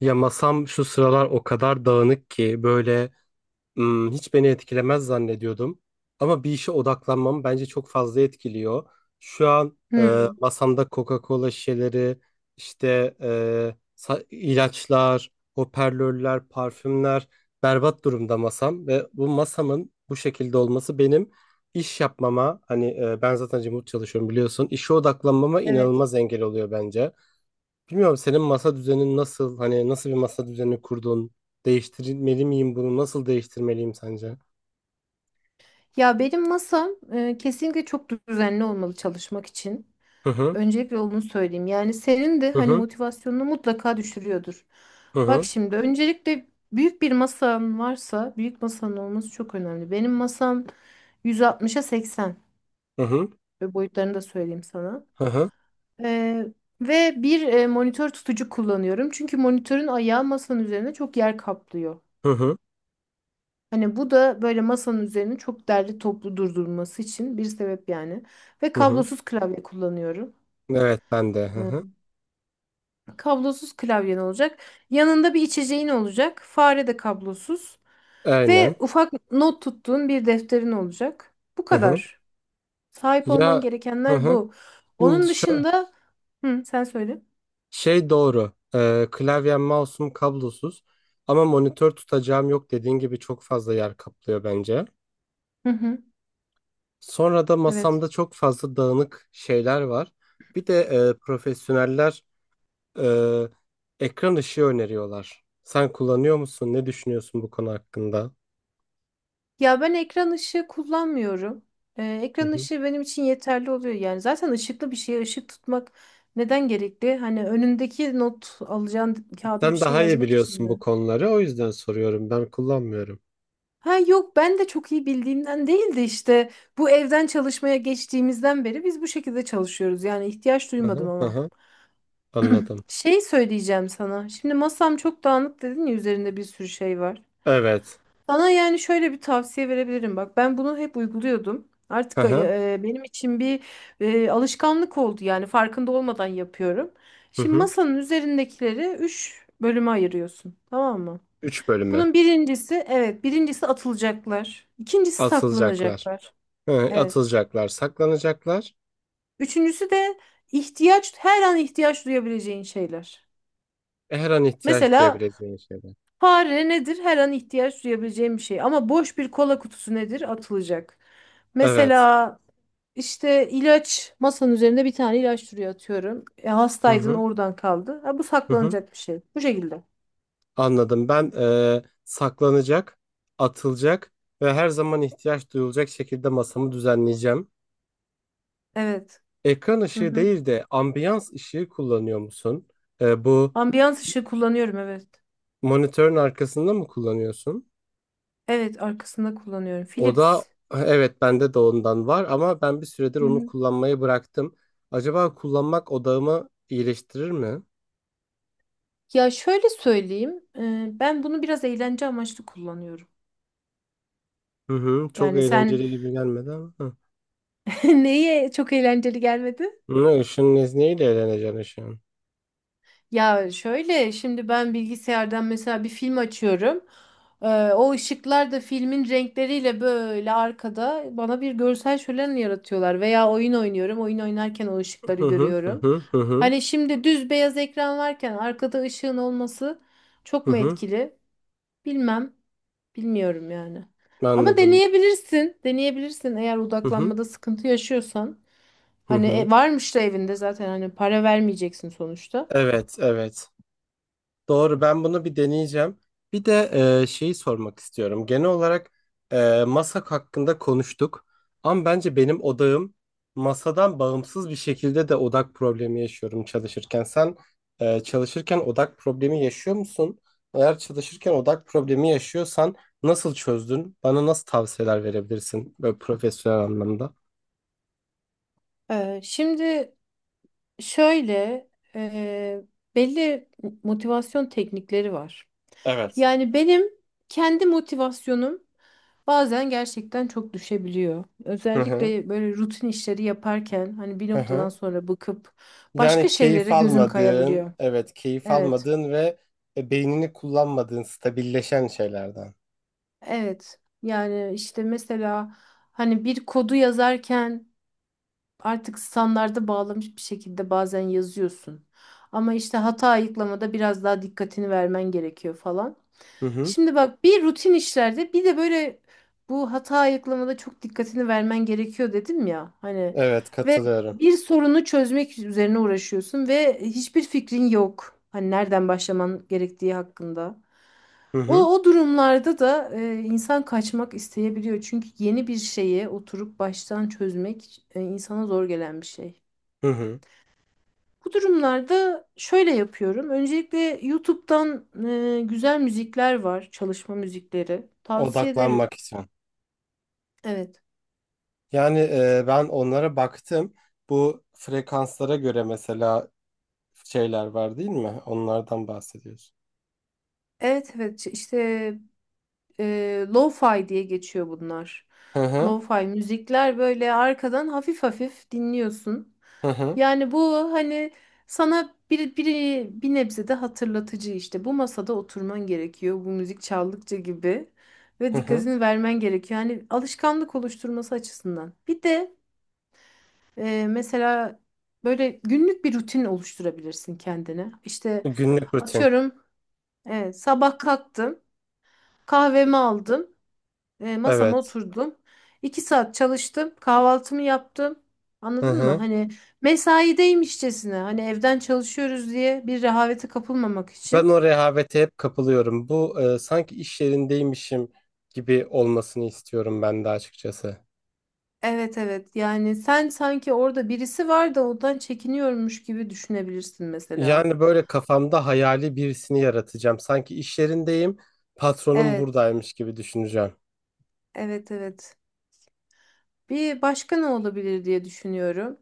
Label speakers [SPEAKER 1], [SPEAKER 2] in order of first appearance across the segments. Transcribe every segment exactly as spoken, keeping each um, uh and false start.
[SPEAKER 1] Ya masam şu sıralar o kadar dağınık ki böyle hmm, hiç beni etkilemez zannediyordum. Ama bir işe odaklanmam bence çok fazla etkiliyor. Şu an e,
[SPEAKER 2] Hmm,
[SPEAKER 1] masamda Coca-Cola şişeleri, işte e, sa- ilaçlar, hoparlörler, parfümler berbat durumda masam. Ve bu masamın bu şekilde olması benim iş yapmama, hani e, ben zaten remote çalışıyorum biliyorsun, işe odaklanmama
[SPEAKER 2] evet.
[SPEAKER 1] inanılmaz engel oluyor bence. Bilmiyorum senin masa düzenin nasıl? Hani nasıl bir masa düzeni kurdun? Değiştirmeli miyim bunu? Nasıl değiştirmeliyim sence?
[SPEAKER 2] Ya benim masam e, kesinlikle çok düzenli olmalı çalışmak için.
[SPEAKER 1] Hı hı
[SPEAKER 2] Öncelikle onu söyleyeyim. Yani senin de
[SPEAKER 1] hı
[SPEAKER 2] hani
[SPEAKER 1] hı
[SPEAKER 2] motivasyonunu mutlaka düşürüyordur.
[SPEAKER 1] hı
[SPEAKER 2] Bak
[SPEAKER 1] hı
[SPEAKER 2] şimdi öncelikle büyük bir masan varsa büyük masanın olması çok önemli. Benim masam yüz altmışa seksen
[SPEAKER 1] hı hı
[SPEAKER 2] ve boyutlarını da söyleyeyim sana.
[SPEAKER 1] hı hı
[SPEAKER 2] E, Ve bir e, monitör tutucu kullanıyorum. Çünkü monitörün ayağı masanın üzerine çok yer kaplıyor.
[SPEAKER 1] hı hı
[SPEAKER 2] Hani bu da böyle masanın üzerine çok derli toplu durdurması için bir sebep yani. Ve
[SPEAKER 1] hı hı.
[SPEAKER 2] kablosuz klavye kullanıyorum.
[SPEAKER 1] Evet ben de. Hı hı.
[SPEAKER 2] Hmm. Kablosuz klavyen olacak. Yanında bir içeceğin olacak. Fare de kablosuz.
[SPEAKER 1] Aynen.
[SPEAKER 2] Ve ufak not tuttuğun bir defterin olacak. Bu
[SPEAKER 1] Hı hı.
[SPEAKER 2] kadar. Sahip olman
[SPEAKER 1] Ya, hı
[SPEAKER 2] gerekenler
[SPEAKER 1] hı.
[SPEAKER 2] bu.
[SPEAKER 1] Şimdi
[SPEAKER 2] Onun
[SPEAKER 1] şu
[SPEAKER 2] dışında... Hı, sen söyle.
[SPEAKER 1] şey doğru. Ee, klavyem mouse'um kablosuz. Ama monitör tutacağım yok, dediğin gibi çok fazla yer kaplıyor bence.
[SPEAKER 2] Hı hı.
[SPEAKER 1] Sonra da
[SPEAKER 2] Evet.
[SPEAKER 1] masamda çok fazla dağınık şeyler var. Bir de e, profesyoneller Ee, ekran ışığı öneriyorlar. Sen kullanıyor musun? Ne düşünüyorsun bu konu hakkında?
[SPEAKER 2] Ya ben ekran ışığı kullanmıyorum. Ee,
[SPEAKER 1] Hı
[SPEAKER 2] ekran
[SPEAKER 1] hı.
[SPEAKER 2] ışığı benim için yeterli oluyor. Yani zaten ışıklı bir şeye ışık tutmak neden gerekli? Hani önündeki not alacağın kağıda bir
[SPEAKER 1] Sen
[SPEAKER 2] şey
[SPEAKER 1] daha iyi
[SPEAKER 2] yazmak için
[SPEAKER 1] biliyorsun bu
[SPEAKER 2] mi?
[SPEAKER 1] konuları, o yüzden soruyorum. Ben kullanmıyorum.
[SPEAKER 2] Ha yok, ben de çok iyi bildiğimden değil de işte bu evden çalışmaya geçtiğimizden beri biz bu şekilde çalışıyoruz. Yani ihtiyaç
[SPEAKER 1] Hı
[SPEAKER 2] duymadım
[SPEAKER 1] hı, hı
[SPEAKER 2] ama.
[SPEAKER 1] hı. Anladım.
[SPEAKER 2] Şey söyleyeceğim sana. Şimdi masam çok dağınık dedin ya, üzerinde bir sürü şey var.
[SPEAKER 1] Evet.
[SPEAKER 2] Sana yani şöyle bir tavsiye verebilirim. Bak ben bunu hep uyguluyordum.
[SPEAKER 1] Hı
[SPEAKER 2] Artık
[SPEAKER 1] hı,
[SPEAKER 2] e, e, benim için bir e, alışkanlık oldu, yani farkında olmadan yapıyorum.
[SPEAKER 1] hı
[SPEAKER 2] Şimdi
[SPEAKER 1] hı.
[SPEAKER 2] masanın üzerindekileri üç bölüme ayırıyorsun, tamam mı?
[SPEAKER 1] Üç bölüme
[SPEAKER 2] Bunun birincisi, evet, birincisi atılacaklar. İkincisi
[SPEAKER 1] atılacaklar.
[SPEAKER 2] saklanacaklar.
[SPEAKER 1] Hı,
[SPEAKER 2] Evet.
[SPEAKER 1] atılacaklar, saklanacaklar.
[SPEAKER 2] Üçüncüsü de ihtiyaç, her an ihtiyaç duyabileceğin şeyler.
[SPEAKER 1] E, Her an ihtiyaç
[SPEAKER 2] Mesela
[SPEAKER 1] duyabileceğin şeyler.
[SPEAKER 2] fare nedir? Her an ihtiyaç duyabileceğin bir şey. Ama boş bir kola kutusu nedir? Atılacak.
[SPEAKER 1] Evet.
[SPEAKER 2] Mesela İşte ilaç, masanın üzerinde bir tane ilaç duruyor atıyorum. E,
[SPEAKER 1] Hı
[SPEAKER 2] hastaydın,
[SPEAKER 1] hı,
[SPEAKER 2] oradan kaldı. Ha, bu
[SPEAKER 1] hı hı.
[SPEAKER 2] saklanacak bir şey. Bu şekilde.
[SPEAKER 1] Anladım. Ben e, saklanacak, atılacak ve her zaman ihtiyaç duyulacak şekilde masamı düzenleyeceğim.
[SPEAKER 2] Evet.
[SPEAKER 1] Ekran
[SPEAKER 2] Hı
[SPEAKER 1] ışığı
[SPEAKER 2] hı.
[SPEAKER 1] değil de ambiyans ışığı kullanıyor musun? Ee, bu
[SPEAKER 2] Ambiyans ışığı kullanıyorum, evet.
[SPEAKER 1] monitörün arkasında mı kullanıyorsun?
[SPEAKER 2] Evet, arkasında kullanıyorum.
[SPEAKER 1] O da
[SPEAKER 2] Philips.
[SPEAKER 1] evet, bende de ondan var ama ben bir süredir
[SPEAKER 2] Hı
[SPEAKER 1] onu
[SPEAKER 2] hı.
[SPEAKER 1] kullanmayı bıraktım. Acaba kullanmak odağımı iyileştirir mi?
[SPEAKER 2] Ya şöyle söyleyeyim. E, ben bunu biraz eğlence amaçlı kullanıyorum.
[SPEAKER 1] Hı hı, çok
[SPEAKER 2] Yani sen
[SPEAKER 1] eğlenceli gibi gelmedi ama. Hı.
[SPEAKER 2] neye çok eğlenceli gelmedi?
[SPEAKER 1] Ne ışığın nezneyle eğleneceksin ışığın.
[SPEAKER 2] Ya şöyle, şimdi ben bilgisayardan mesela bir film açıyorum. Ee, O ışıklar da filmin renkleriyle böyle arkada bana bir görsel şölen yaratıyorlar. Veya oyun oynuyorum. Oyun oynarken o ışıkları
[SPEAKER 1] Hı hı hı
[SPEAKER 2] görüyorum.
[SPEAKER 1] hı hı hı.
[SPEAKER 2] Hani şimdi düz beyaz ekran varken arkada ışığın olması çok
[SPEAKER 1] hı
[SPEAKER 2] mu
[SPEAKER 1] hı.
[SPEAKER 2] etkili? Bilmem. Bilmiyorum yani. Ama
[SPEAKER 1] Anladım.
[SPEAKER 2] deneyebilirsin. Deneyebilirsin eğer
[SPEAKER 1] Hı hı
[SPEAKER 2] odaklanmada sıkıntı yaşıyorsan.
[SPEAKER 1] hı
[SPEAKER 2] Hani
[SPEAKER 1] hı.
[SPEAKER 2] e, varmış da evinde zaten, hani para vermeyeceksin sonuçta.
[SPEAKER 1] Evet, evet. Doğru, ben bunu bir deneyeceğim. Bir de e, şeyi sormak istiyorum. Genel olarak e, masak hakkında konuştuk. Ama bence benim odağım masadan bağımsız bir şekilde de odak problemi yaşıyorum çalışırken. Sen e, çalışırken odak problemi yaşıyor musun? Eğer çalışırken odak problemi yaşıyorsan nasıl çözdün? Bana nasıl tavsiyeler verebilirsin böyle profesyonel anlamda?
[SPEAKER 2] Ee, şimdi şöyle, e, belli motivasyon teknikleri var.
[SPEAKER 1] Evet.
[SPEAKER 2] Yani benim kendi motivasyonum bazen gerçekten çok düşebiliyor.
[SPEAKER 1] Hı hı.
[SPEAKER 2] Özellikle böyle rutin işleri yaparken hani bir
[SPEAKER 1] Hı
[SPEAKER 2] noktadan
[SPEAKER 1] hı.
[SPEAKER 2] sonra bıkıp
[SPEAKER 1] Yani
[SPEAKER 2] başka
[SPEAKER 1] keyif
[SPEAKER 2] şeylere gözüm
[SPEAKER 1] almadığın,
[SPEAKER 2] kayabiliyor.
[SPEAKER 1] evet, keyif
[SPEAKER 2] Evet,
[SPEAKER 1] almadığın ve e, beynini kullanmadığın stabilleşen şeylerden.
[SPEAKER 2] evet. Yani işte mesela hani bir kodu yazarken artık standarda bağlamış bir şekilde bazen yazıyorsun. Ama işte hata ayıklamada biraz daha dikkatini vermen gerekiyor falan.
[SPEAKER 1] Hı hı.
[SPEAKER 2] Şimdi bak, bir rutin işlerde, bir de böyle bu hata ayıklamada çok dikkatini vermen gerekiyor dedim ya. Hani
[SPEAKER 1] Evet,
[SPEAKER 2] ve
[SPEAKER 1] katılıyorum.
[SPEAKER 2] bir sorunu çözmek üzerine uğraşıyorsun ve hiçbir fikrin yok. Hani nereden başlaman gerektiği hakkında.
[SPEAKER 1] Hı hı.
[SPEAKER 2] O, o durumlarda da e, insan kaçmak isteyebiliyor. Çünkü yeni bir şeye oturup baştan çözmek e, insana zor gelen bir şey.
[SPEAKER 1] Hı hı.
[SPEAKER 2] Bu durumlarda şöyle yapıyorum. Öncelikle YouTube'dan e, güzel müzikler var, çalışma müzikleri. Tavsiye ederim.
[SPEAKER 1] Odaklanmak için.
[SPEAKER 2] Evet.
[SPEAKER 1] Yani e, ben onlara baktım. Bu frekanslara göre mesela şeyler var değil mi? Onlardan bahsediyorsun.
[SPEAKER 2] Evet, evet, işte e, lo-fi diye geçiyor bunlar.
[SPEAKER 1] Hı hı.
[SPEAKER 2] Lo-fi müzikler, böyle arkadan hafif hafif dinliyorsun.
[SPEAKER 1] Hı hı.
[SPEAKER 2] Yani bu hani sana bir, bir, bir nebze de hatırlatıcı işte. Bu masada oturman gerekiyor bu müzik çaldıkça gibi. Ve
[SPEAKER 1] Hı hı.
[SPEAKER 2] dikkatini vermen gerekiyor. Yani alışkanlık oluşturması açısından. Bir de e, mesela böyle günlük bir rutin oluşturabilirsin kendine. İşte
[SPEAKER 1] Günlük rutin.
[SPEAKER 2] atıyorum, evet, sabah kalktım, kahvemi aldım, e, masama
[SPEAKER 1] Evet.
[SPEAKER 2] oturdum. İki saat çalıştım. Kahvaltımı yaptım.
[SPEAKER 1] Hı
[SPEAKER 2] Anladın mı?
[SPEAKER 1] hı.
[SPEAKER 2] Hani mesaideymişçesine, hani evden çalışıyoruz diye bir rehavete kapılmamak
[SPEAKER 1] Ben
[SPEAKER 2] için.
[SPEAKER 1] o rehavete hep kapılıyorum. Bu e, sanki iş yerindeymişim gibi olmasını istiyorum ben de açıkçası.
[SPEAKER 2] Evet, evet, yani sen sanki orada birisi var da ondan çekiniyormuş gibi düşünebilirsin mesela.
[SPEAKER 1] Yani böyle kafamda hayali birisini yaratacağım. Sanki iş yerindeyim, patronum
[SPEAKER 2] Evet,
[SPEAKER 1] buradaymış gibi düşüneceğim.
[SPEAKER 2] evet, evet. Bir başka ne olabilir diye düşünüyorum.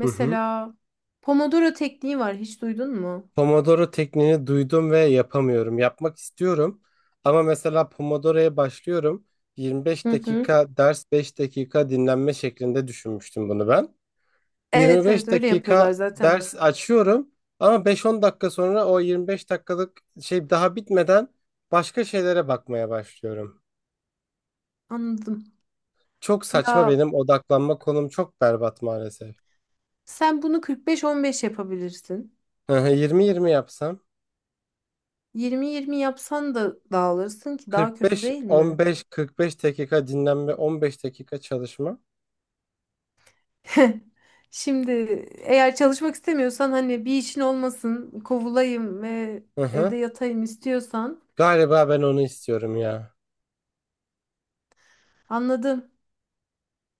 [SPEAKER 1] Hı hı.
[SPEAKER 2] Pomodoro tekniği var, hiç duydun mu?
[SPEAKER 1] Pomodoro tekniğini duydum ve yapamıyorum. Yapmak istiyorum ama mesela Pomodoro'ya başlıyorum. yirmi beş
[SPEAKER 2] Hı hı.
[SPEAKER 1] dakika ders, beş dakika dinlenme şeklinde düşünmüştüm bunu ben.
[SPEAKER 2] Evet, evet,
[SPEAKER 1] yirmi beş
[SPEAKER 2] öyle yapıyorlar
[SPEAKER 1] dakika
[SPEAKER 2] zaten.
[SPEAKER 1] ders açıyorum ama beş on dakika sonra o yirmi beş dakikalık şey daha bitmeden başka şeylere bakmaya başlıyorum.
[SPEAKER 2] Anladım.
[SPEAKER 1] Çok saçma,
[SPEAKER 2] Ya,
[SPEAKER 1] benim odaklanma konum çok berbat maalesef.
[SPEAKER 2] sen bunu kırk beş on beş yapabilirsin.
[SPEAKER 1] yirmi yirmi yapsam.
[SPEAKER 2] yirmi yirmi yapsan da dağılırsın ki, daha kötü değil mi?
[SPEAKER 1] kırk beş on beş, kırk beş dakika dinlenme, on beş dakika çalışma.
[SPEAKER 2] Şimdi, eğer çalışmak istemiyorsan, hani bir işin olmasın, kovulayım ve
[SPEAKER 1] Hı hı.
[SPEAKER 2] evde yatayım istiyorsan,
[SPEAKER 1] Galiba ben onu istiyorum ya.
[SPEAKER 2] anladım.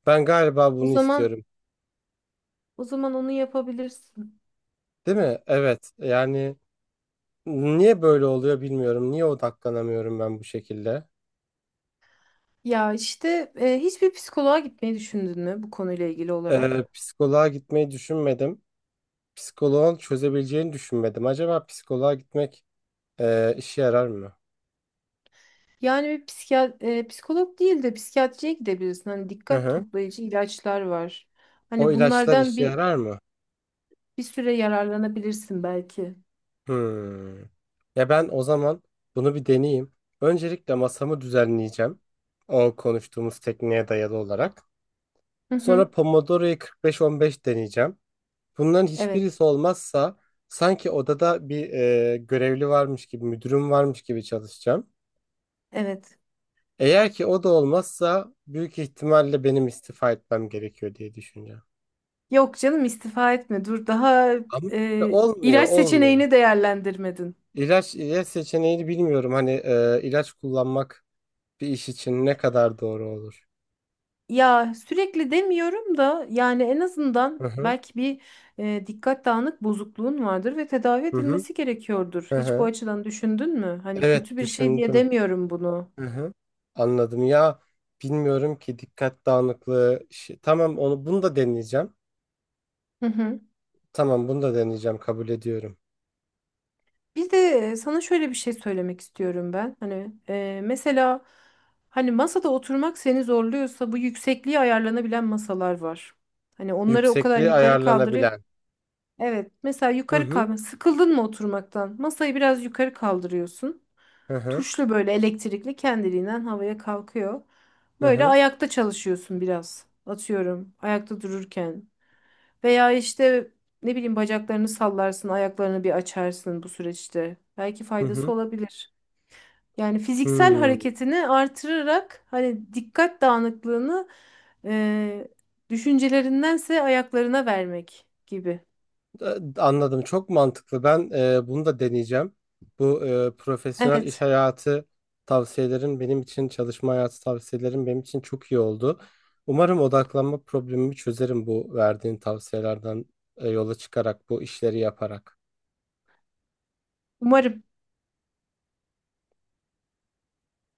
[SPEAKER 1] Ben galiba
[SPEAKER 2] O
[SPEAKER 1] bunu
[SPEAKER 2] zaman,
[SPEAKER 1] istiyorum.
[SPEAKER 2] o zaman onu yapabilirsin.
[SPEAKER 1] Değil mi? Evet. Yani niye böyle oluyor bilmiyorum. Niye odaklanamıyorum ben bu şekilde?
[SPEAKER 2] Ya işte e, hiçbir psikoloğa gitmeyi düşündün mü bu konuyla ilgili
[SPEAKER 1] Ee,
[SPEAKER 2] olarak?
[SPEAKER 1] psikoloğa gitmeyi düşünmedim. Psikoloğun çözebileceğini düşünmedim. Acaba psikoloğa gitmek e, işe yarar mı?
[SPEAKER 2] Yani bir psikiyat e, psikolog değil de psikiyatriye gidebilirsin. Hani
[SPEAKER 1] Hı
[SPEAKER 2] dikkat
[SPEAKER 1] hı.
[SPEAKER 2] toplayıcı ilaçlar var.
[SPEAKER 1] O
[SPEAKER 2] Hani
[SPEAKER 1] ilaçlar
[SPEAKER 2] bunlardan
[SPEAKER 1] işe
[SPEAKER 2] bir,
[SPEAKER 1] yarar mı?
[SPEAKER 2] bir süre yararlanabilirsin belki.
[SPEAKER 1] Hmm. Ya ben o zaman bunu bir deneyeyim. Öncelikle masamı düzenleyeceğim. O konuştuğumuz tekniğe dayalı olarak.
[SPEAKER 2] Hı
[SPEAKER 1] Sonra
[SPEAKER 2] hı.
[SPEAKER 1] Pomodoro'yu kırk beş on beş deneyeceğim. Bunların
[SPEAKER 2] Evet,
[SPEAKER 1] hiçbirisi olmazsa sanki odada bir e, görevli varmış gibi, müdürüm varmış gibi çalışacağım.
[SPEAKER 2] evet.
[SPEAKER 1] Eğer ki o da olmazsa büyük ihtimalle benim istifa etmem gerekiyor diye düşüneceğim.
[SPEAKER 2] Yok canım, istifa etme. Dur daha
[SPEAKER 1] Ama işte
[SPEAKER 2] e,
[SPEAKER 1] olmuyor,
[SPEAKER 2] ilaç
[SPEAKER 1] olmuyor.
[SPEAKER 2] seçeneğini değerlendirmedin.
[SPEAKER 1] İlaç, ilaç seçeneğini bilmiyorum. Hani e, ilaç kullanmak bir iş için ne kadar doğru olur?
[SPEAKER 2] Ya sürekli demiyorum da, yani en azından
[SPEAKER 1] Hı hı.
[SPEAKER 2] belki bir e, dikkat dağınık bozukluğun vardır ve tedavi
[SPEAKER 1] Hı hı.
[SPEAKER 2] edilmesi gerekiyordur.
[SPEAKER 1] Hı
[SPEAKER 2] Hiç bu
[SPEAKER 1] hı.
[SPEAKER 2] açıdan düşündün mü? Hani
[SPEAKER 1] Evet,
[SPEAKER 2] kötü bir şey diye
[SPEAKER 1] düşündüm.
[SPEAKER 2] demiyorum bunu.
[SPEAKER 1] Hı hı. Anladım ya. Bilmiyorum ki dikkat dağınıklığı. işi- Tamam, onu bunu da deneyeceğim. Tamam, bunu da deneyeceğim, kabul ediyorum.
[SPEAKER 2] Bir de e, sana şöyle bir şey söylemek istiyorum ben. Hani e, mesela hani masada oturmak seni zorluyorsa, bu yüksekliği ayarlanabilen masalar var. Hani onları o kadar
[SPEAKER 1] Yüksekliği
[SPEAKER 2] yukarı kaldırı.
[SPEAKER 1] ayarlanabilen.
[SPEAKER 2] Evet, mesela
[SPEAKER 1] Hı
[SPEAKER 2] yukarı
[SPEAKER 1] hı.
[SPEAKER 2] kalma. Sıkıldın mı oturmaktan? Masayı biraz yukarı kaldırıyorsun.
[SPEAKER 1] Hı hı.
[SPEAKER 2] Tuşlu böyle elektrikli kendiliğinden havaya kalkıyor.
[SPEAKER 1] Hı
[SPEAKER 2] Böyle
[SPEAKER 1] hı.
[SPEAKER 2] ayakta çalışıyorsun biraz. Atıyorum, ayakta dururken. Veya işte, ne bileyim, bacaklarını sallarsın, ayaklarını bir açarsın bu süreçte. Belki
[SPEAKER 1] Hı hı.
[SPEAKER 2] faydası olabilir. Yani fiziksel
[SPEAKER 1] Hmm.
[SPEAKER 2] hareketini artırarak, hani dikkat dağınıklığını e, düşüncelerindense ayaklarına vermek gibi.
[SPEAKER 1] E, Anladım. Çok mantıklı. Ben e, bunu da deneyeceğim. Bu e, profesyonel iş
[SPEAKER 2] Evet,
[SPEAKER 1] hayatı tavsiyelerin benim için, çalışma hayatı tavsiyelerin benim için çok iyi oldu. Umarım odaklanma problemimi çözerim bu verdiğin tavsiyelerden e, yola çıkarak, bu işleri yaparak.
[SPEAKER 2] umarım.